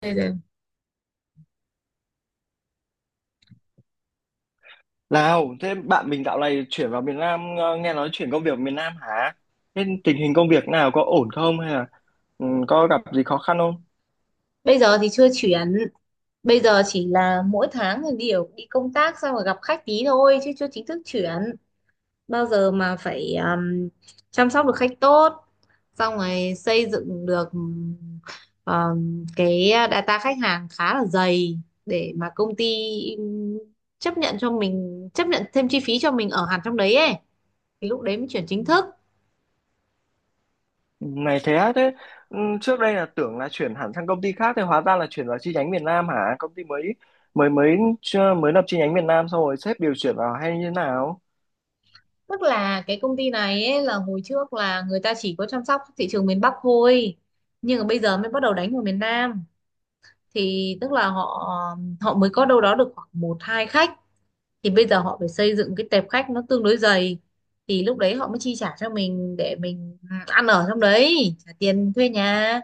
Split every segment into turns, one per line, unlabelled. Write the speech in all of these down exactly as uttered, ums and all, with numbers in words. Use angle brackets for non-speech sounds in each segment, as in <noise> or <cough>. bây giờ
Nào, thế bạn mình dạo này chuyển vào miền Nam, ờ, nghe nói chuyển công việc miền Nam hả? Thế tình hình công việc nào có ổn không hay là ừ, có gặp gì khó khăn không?
bây giờ thì chưa chuyển. Bây giờ chỉ là mỗi tháng thì đều đi công tác, xong rồi gặp khách tí thôi chứ chưa chính thức chuyển. Bao giờ mà phải um, chăm sóc được khách tốt, xong rồi xây dựng được um, cái data khách hàng khá là dày, để mà công ty um, chấp nhận cho mình, chấp nhận thêm chi phí cho mình ở hẳn trong đấy ấy, thì lúc đấy mới chuyển chính thức.
Ừ, này thế á, thế ừ, trước đây là tưởng là chuyển hẳn sang công ty khác thì hóa ra là chuyển vào chi nhánh miền Nam hả? Công ty mới mới mới chưa- mới lập chi nhánh miền Nam xong rồi sếp điều chuyển vào hay như thế nào?
Tức là cái công ty này ấy, là hồi trước là người ta chỉ có chăm sóc thị trường miền Bắc thôi, nhưng mà bây giờ mới bắt đầu đánh vào miền Nam, thì tức là họ họ mới có đâu đó được khoảng một hai khách, thì bây giờ họ phải xây dựng cái tệp khách nó tương đối dày, thì lúc đấy họ mới chi trả cho mình để mình ăn ở trong đấy, trả tiền thuê nhà,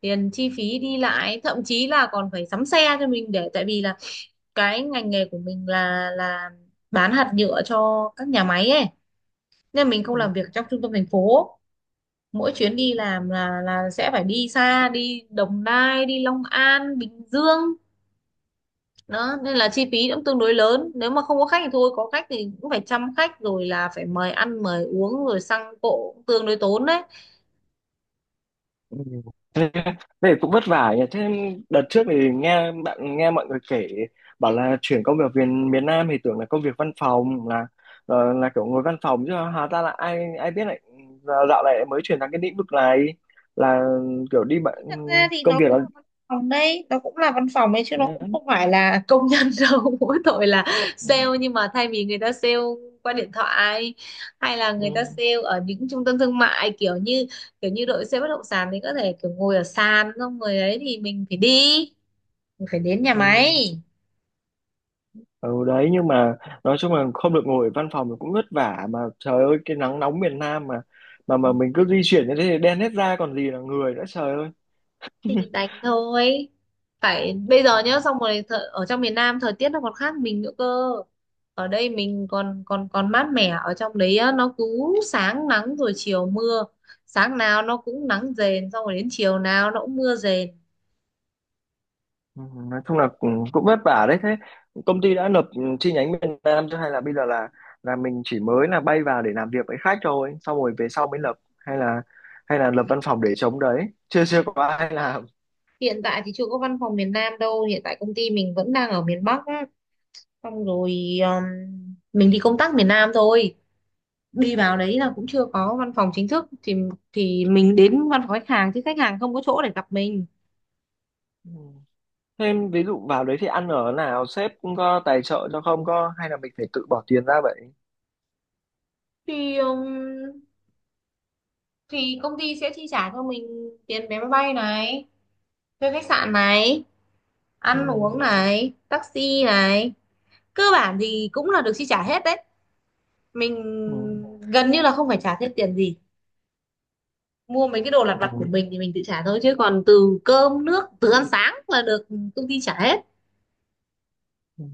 tiền chi phí đi lại, thậm chí là còn phải sắm xe cho mình, để tại vì là cái ngành nghề của mình là là bán hạt nhựa cho các nhà máy ấy, nên mình không
Ừ.
làm việc trong trung tâm thành phố. Mỗi chuyến đi làm là là sẽ phải đi xa, đi Đồng Nai, đi Long An, Bình Dương. Đó nên là chi phí cũng tương đối lớn, nếu mà không có khách thì thôi, có khách thì cũng phải chăm khách, rồi là phải mời ăn mời uống, rồi xăng cộ cũng tương đối tốn đấy.
Ừ. Thế, thế cũng vất vả nhỉ. Thế đợt trước thì nghe bạn nghe mọi người kể bảo là chuyển công việc về miền Nam thì tưởng là công việc văn phòng là ờ, là kiểu ngồi văn phòng chứ hóa ra là ai ai biết lại giờ dạo này mới chuyển sang cái lĩnh vực này là kiểu đi bạn
Thật ra thì
công
nó
việc
cũng
là
là văn phòng đấy, nó cũng là văn phòng ấy chứ nó cũng
ừ,
không phải là công nhân <laughs> đâu. Mỗi tội là sale, nhưng mà thay vì người ta sale qua điện thoại, hay là người ta
ừ,
sale ở những trung tâm thương mại kiểu như kiểu như đội sale bất động sản thì có thể kiểu ngồi ở sàn, xong rồi ấy thì mình phải đi, mình phải đến nhà
ừ.
máy.
Ừ, đấy nhưng mà nói chung là không được ngồi ở văn phòng thì cũng vất vả mà trời ơi cái nắng nóng miền Nam mà mà mà mình cứ di chuyển như thế thì đen hết da còn gì là người nữa trời ơi.
Thì đánh thôi, phải bây giờ nhá. Xong
<laughs>
rồi thợ, ở trong miền Nam thời tiết nó còn khác mình nữa cơ. Ở đây mình còn còn còn mát mẻ, ở trong đấy á, nó cứ sáng nắng rồi chiều mưa, sáng nào nó cũng nắng rền, xong rồi đến chiều nào nó cũng mưa rền.
Ừ, nói chung là cũng, cũng vất vả đấy. Thế công ty đã nộp ừ, chi nhánh Việt Nam chưa hay là bây giờ là là mình chỉ mới là bay vào để làm việc với khách thôi xong rồi về sau mới lập hay là hay là lập
Hiện
văn phòng để chống đấy chưa chưa có ai làm.
tại thì chưa có văn phòng miền Nam đâu, hiện tại công ty mình vẫn đang ở miền Bắc á. Xong rồi um, mình đi công tác miền Nam thôi, đi vào đấy là cũng chưa có văn phòng chính thức, thì thì mình đến văn phòng khách hàng, chứ khách hàng không có chỗ để gặp mình.
Ừ. Thêm ví dụ vào đấy thì ăn ở nào sếp cũng có tài trợ cho không có hay là mình phải tự bỏ tiền ra vậy?
Thì um, thì công ty sẽ chi trả cho mình tiền vé máy bay này, thuê khách sạn này,
Ừ.
ăn uống này, taxi này. Cơ bản thì cũng là được chi trả hết đấy, mình
Ừ.
gần như là không phải trả thêm tiền gì. Mua mấy cái đồ lặt
Ừ.
vặt của mình thì mình tự trả thôi, chứ còn từ cơm nước, từ ăn sáng là được công ty trả hết.
Ừ.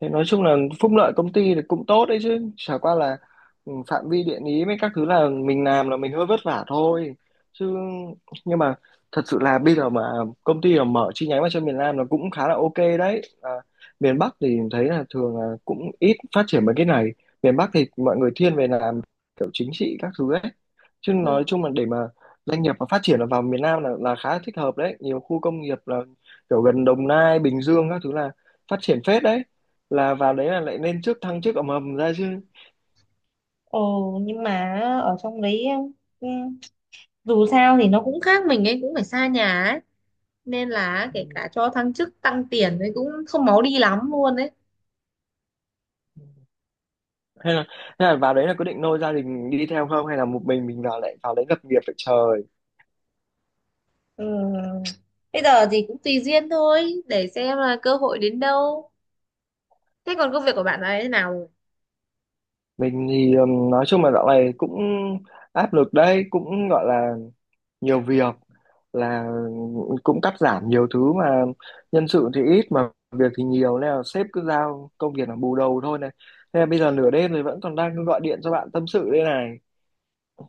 Thế nói chung là phúc lợi công ty thì cũng tốt đấy chứ chả qua là ừ, phạm vi địa lý với các thứ là mình làm là mình hơi vất vả thôi chứ nhưng mà thật sự là bây giờ mà công ty mà mở chi nhánh vào cho miền Nam là cũng khá là ok đấy à, miền Bắc thì thấy là thường là cũng ít phát triển mấy cái này. Miền Bắc thì mọi người thiên về làm kiểu chính trị các thứ ấy chứ nói
Ừ.
chung là để mà doanh nghiệp mà phát triển là vào miền Nam là là khá thích hợp đấy, nhiều khu công nghiệp là kiểu gần Đồng Nai Bình Dương các thứ là phát triển phết đấy, là vào đấy là lại nên trước thăng chức ầm ầm ra chứ.
Ồ nhưng mà ở trong đấy em, ừ, dù sao thì nó cũng khác mình ấy, cũng phải xa nhà ấy, nên là kể cả cho thăng chức, tăng tiền thì cũng không máu đi lắm luôn đấy.
Hay là hay là vào đấy là có định nôi gia đình đi theo không hay là một mình mình vào lại vào đấy lập nghiệp vậy trời?
Ừ. Bây giờ thì cũng tùy duyên thôi, để xem là cơ hội đến đâu. Thế còn công việc của bạn ấy thế nào rồi?
Mình thì ừm, nói chung là dạo này cũng áp lực đấy, cũng gọi là nhiều việc, là cũng cắt giảm nhiều thứ mà nhân sự thì ít mà việc thì nhiều nên là sếp cứ giao công việc là bù đầu thôi này. Thế là bây giờ nửa đêm rồi vẫn còn đang gọi điện cho bạn tâm sự đây này,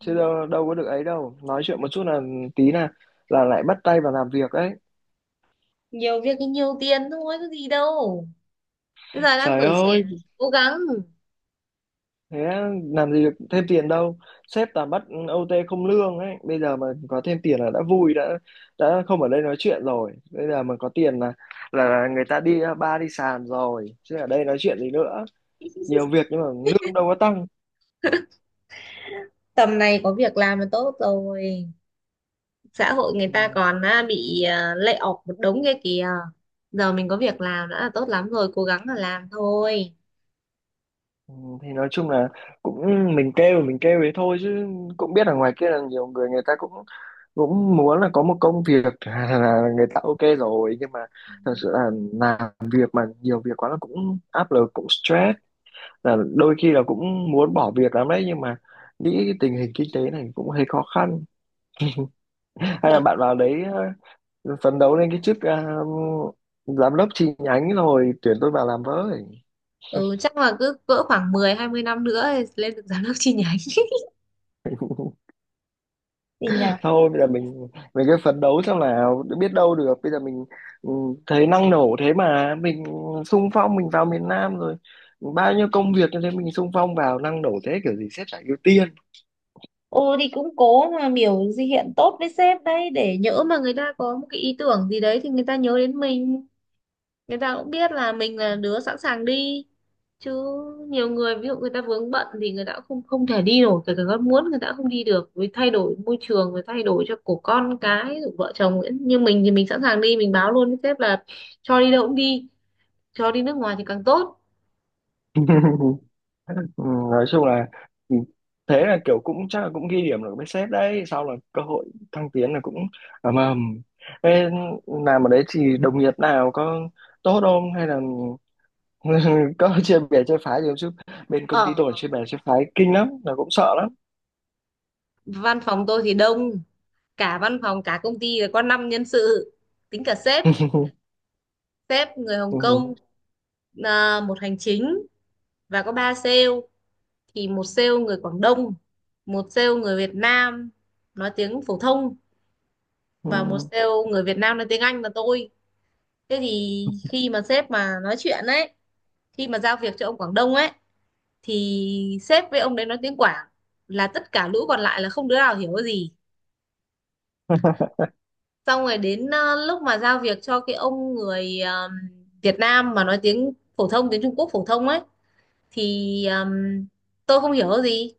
chứ đâu, đâu có được ấy đâu, nói chuyện một chút là tí là là lại bắt tay vào làm việc ấy.
Nhiều việc thì nhiều tiền thôi, có gì đâu, bây giờ đang
Trời
tuổi
ơi
trẻ, cố gắng.
thế làm gì được thêm tiền đâu, sếp toàn bắt ô tê không lương ấy, bây giờ mà có thêm tiền là đã vui, đã đã không ở đây nói chuyện rồi, bây giờ mà có tiền là là người ta đi bar đi sàn rồi chứ ở đây nói chuyện gì nữa. Nhiều
<laughs>
việc nhưng mà lương đâu có tăng.
Tầm này có việc làm là tốt rồi, xã hội người
Ừ,
ta còn à, bị, à, lay off một đống kia kìa. Giờ mình có việc làm đã là tốt lắm rồi, cố gắng là làm thôi.
ừ, thì nói chung là cũng mình kêu mình kêu thế thôi chứ cũng biết ở ngoài kia là nhiều người người ta cũng cũng muốn là có một công việc <laughs> là người ta ok rồi nhưng mà thật sự là làm việc mà nhiều việc quá là cũng áp lực cũng stress, là đôi khi là cũng muốn bỏ việc lắm đấy nhưng mà nghĩ cái tình hình kinh tế này cũng hơi khó khăn. Hay là bạn vào đấy ờ, phấn đấu lên cái chức ờ, giám đốc chi nhánh rồi tuyển tôi vào làm với.
Ừ, chắc là cứ cỡ khoảng mười hai mươi năm nữa thì lên được giám đốc chi nhánh. <laughs> Gì nhỉ.
Thôi bây giờ mình mình cứ phấn đấu xem nào, biết đâu được bây giờ mình ừ, thấy năng nổ thế mà mình xung phong mình vào miền Nam rồi, bao nhiêu công việc như thế mình xung phong vào năng nổ thế kiểu gì sếp chả ưu tiên.
Ô thì cũng cố mà biểu gì hiện tốt với sếp đấy, để nhỡ mà người ta có một cái ý tưởng gì đấy thì người ta nhớ đến mình, người ta cũng biết là mình là đứa sẵn sàng đi. Chứ nhiều người ví dụ người ta vướng bận thì người ta cũng không không thể đi nổi, kể cả con muốn người ta cũng không đi được, vì thay đổi môi trường rồi thay đổi cho của con cái rồi vợ chồng ấy. Như mình thì mình sẵn sàng đi, mình báo luôn với sếp là cho đi đâu cũng đi, cho đi nước ngoài thì càng tốt.
<laughs> Ừ, nói chung là ừ, thế là kiểu cũng chắc là cũng ghi điểm được với sếp đấy sau là cơ hội thăng tiến là cũng ầm ầm. Thế làm ở đấy thì đồng nghiệp nào có tốt không hay là <laughs> có chia bè chia phái gì không chứ, bên công ty tôi
Ở
chia bè chia phái kinh lắm là cũng sợ lắm.
văn phòng tôi thì đông, cả văn phòng cả công ty là có năm nhân sự, tính cả sếp.
<laughs>
Sếp người Hồng
Ừ.
Kông, à, một hành chính và có ba sale. Thì một sale người Quảng Đông, một sale người Việt Nam nói tiếng phổ thông, và một
Ừ.
sale người Việt Nam nói tiếng Anh là tôi. Thế thì khi mà sếp mà nói chuyện ấy, khi mà giao việc cho ông Quảng Đông ấy, thì sếp với ông đấy nói tiếng Quảng, là tất cả lũ còn lại là không đứa nào hiểu cái gì. Xong rồi đến ờ, lúc mà giao việc cho cái ông người ờm, Việt Nam mà nói tiếng phổ thông, tiếng Trung Quốc phổ thông ấy, thì ờm, tôi không hiểu gì.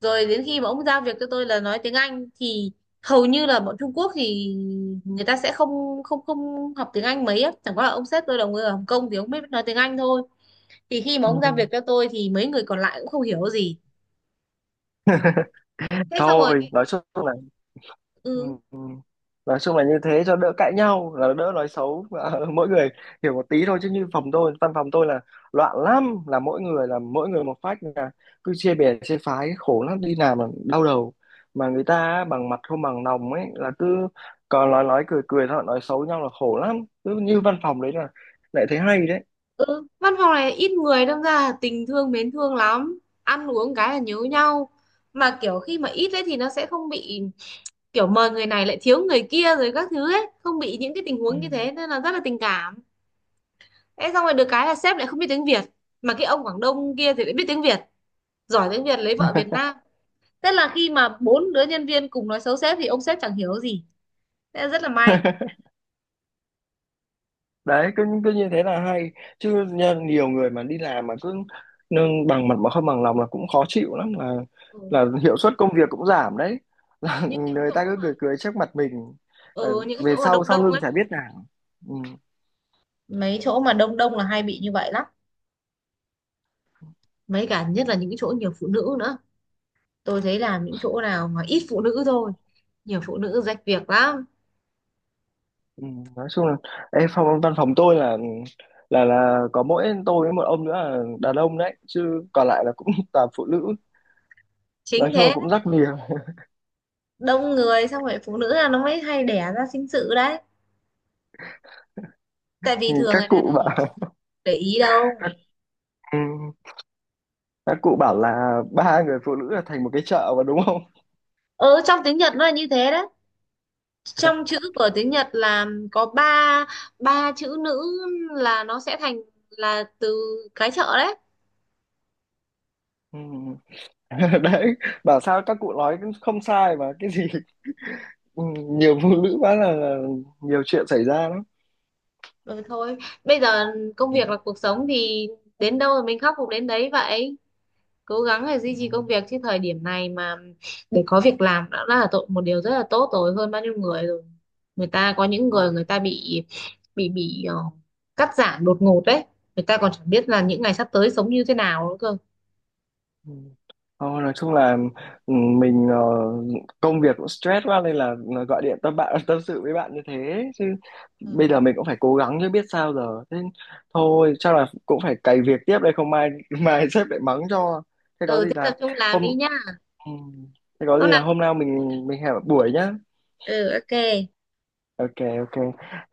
Rồi đến khi mà ông giao việc cho tôi là nói tiếng Anh thì hầu như là bọn Trung Quốc thì người ta sẽ không không không học tiếng Anh mấy á, chẳng qua là ông sếp tôi là người ở Hồng Kông thì ông biết nói tiếng Anh thôi. Thì khi mà ông giao
Ừ.
việc cho tôi thì mấy người còn lại cũng không hiểu gì. Thế xong rồi
Thôi nói chung là ừ.
ừ.
Ừ. Nói chung là như thế cho đỡ cãi nhau là đỡ nói xấu. Và <laughs> mỗi người hiểu một tí thôi chứ như phòng tôi văn phòng tôi là loạn lắm, là mỗi người là mỗi người một phách là cứ chia bè chia phái khổ lắm, đi làm là đau đầu mà người ta á, bằng mặt không bằng lòng ấy là cứ còn nói nói cười cười thôi nói xấu nhau là khổ lắm, cứ như văn phòng đấy là lại thấy hay
Ừ, văn phòng này ít người đâm ra là tình thương mến thương lắm, ăn uống cái là nhớ nhau. Mà kiểu khi mà ít ấy thì nó sẽ không bị kiểu mời người này lại thiếu người kia rồi các thứ ấy, không bị những cái tình huống
đấy.
như thế nên là rất là tình cảm. Thế xong rồi được cái là sếp lại không biết tiếng Việt, mà cái ông Quảng Đông kia thì lại biết tiếng Việt, giỏi tiếng Việt, lấy vợ Việt Nam. Tức là khi mà bốn đứa nhân viên cùng nói xấu sếp thì ông sếp chẳng hiểu gì, thế là rất là may.
Đấy cứ cứ như thế là hay chứ nha, nhiều người mà đi làm mà cứ nâng bằng mặt mà không bằng lòng là cũng khó chịu lắm, là
Ừ.
là hiệu suất công việc cũng giảm đấy. <laughs> Là
Những cái
người ta
chỗ
cứ
mà
cười cười trước mặt mình.
ở
Ờ,
ừ, những cái
về
chỗ mà
sau
đông
sau
đông
lưng
ấy,
chả biết nào. Ừ,
mấy chỗ mà đông đông là hay bị như vậy lắm, mấy cả nhất là những cái chỗ nhiều phụ nữ nữa. Tôi thấy làm những chỗ nào mà ít phụ nữ thôi, nhiều phụ nữ rách việc lắm.
ừ, nói chung là ê, phòng văn phòng tôi là là là có mỗi tôi với một ông nữa là đàn ông đấy chứ còn lại là cũng <laughs> toàn phụ nữ. Nói
Chính
chung là
thế đấy.
cũng rắc nhiều.
Đông người xong rồi phụ nữ là nó mới hay đẻ ra sinh sự đấy, tại vì
Ừ,
thường
các
người đàn
cụ
ông
bảo <laughs>
để ý đâu.
các, ừ, các cụ bảo là ba người phụ nữ là thành một cái chợ mà đúng không.
Ừ, trong tiếng Nhật nó là như thế đấy, trong chữ của tiếng Nhật là có ba ba chữ nữ là nó sẽ thành là từ cái chợ đấy.
Ừ. <laughs> Đấy, bảo sao các cụ nói cũng không sai mà cái gì ừ, nhiều phụ nữ quá là, là nhiều chuyện xảy ra lắm.
Rồi thôi, bây giờ công
Ừ.
việc là cuộc sống thì đến đâu rồi mình khắc phục đến đấy vậy, cố gắng để duy trì công việc, chứ thời điểm này mà để có việc làm đã là tội một điều rất là tốt rồi, hơn bao nhiêu người rồi. Người ta có những
Ừ.
người người ta bị bị bị ờ, cắt giảm đột ngột đấy, người ta còn chẳng biết là những ngày sắp tới sống như thế nào nữa cơ.
Ừ. Thôi, nói chung là ừ, mình ờ, công việc cũng stress quá nên là gọi điện tâm bạn tâm sự với bạn như thế chứ
Ừ.
bây giờ mình cũng phải cố gắng chứ biết sao giờ. Thế thôi chắc là cũng phải cày việc tiếp đây không mai <laughs> mai sếp lại mắng cho. Thế có
Ừ,
gì
thế
là
tập trung làm
hôm
đi nhá.
ừ, thế có
Lúc
gì là
nào đi
hôm nào mình mình hẹn buổi nhá.
ừ, ok.
Ok ok.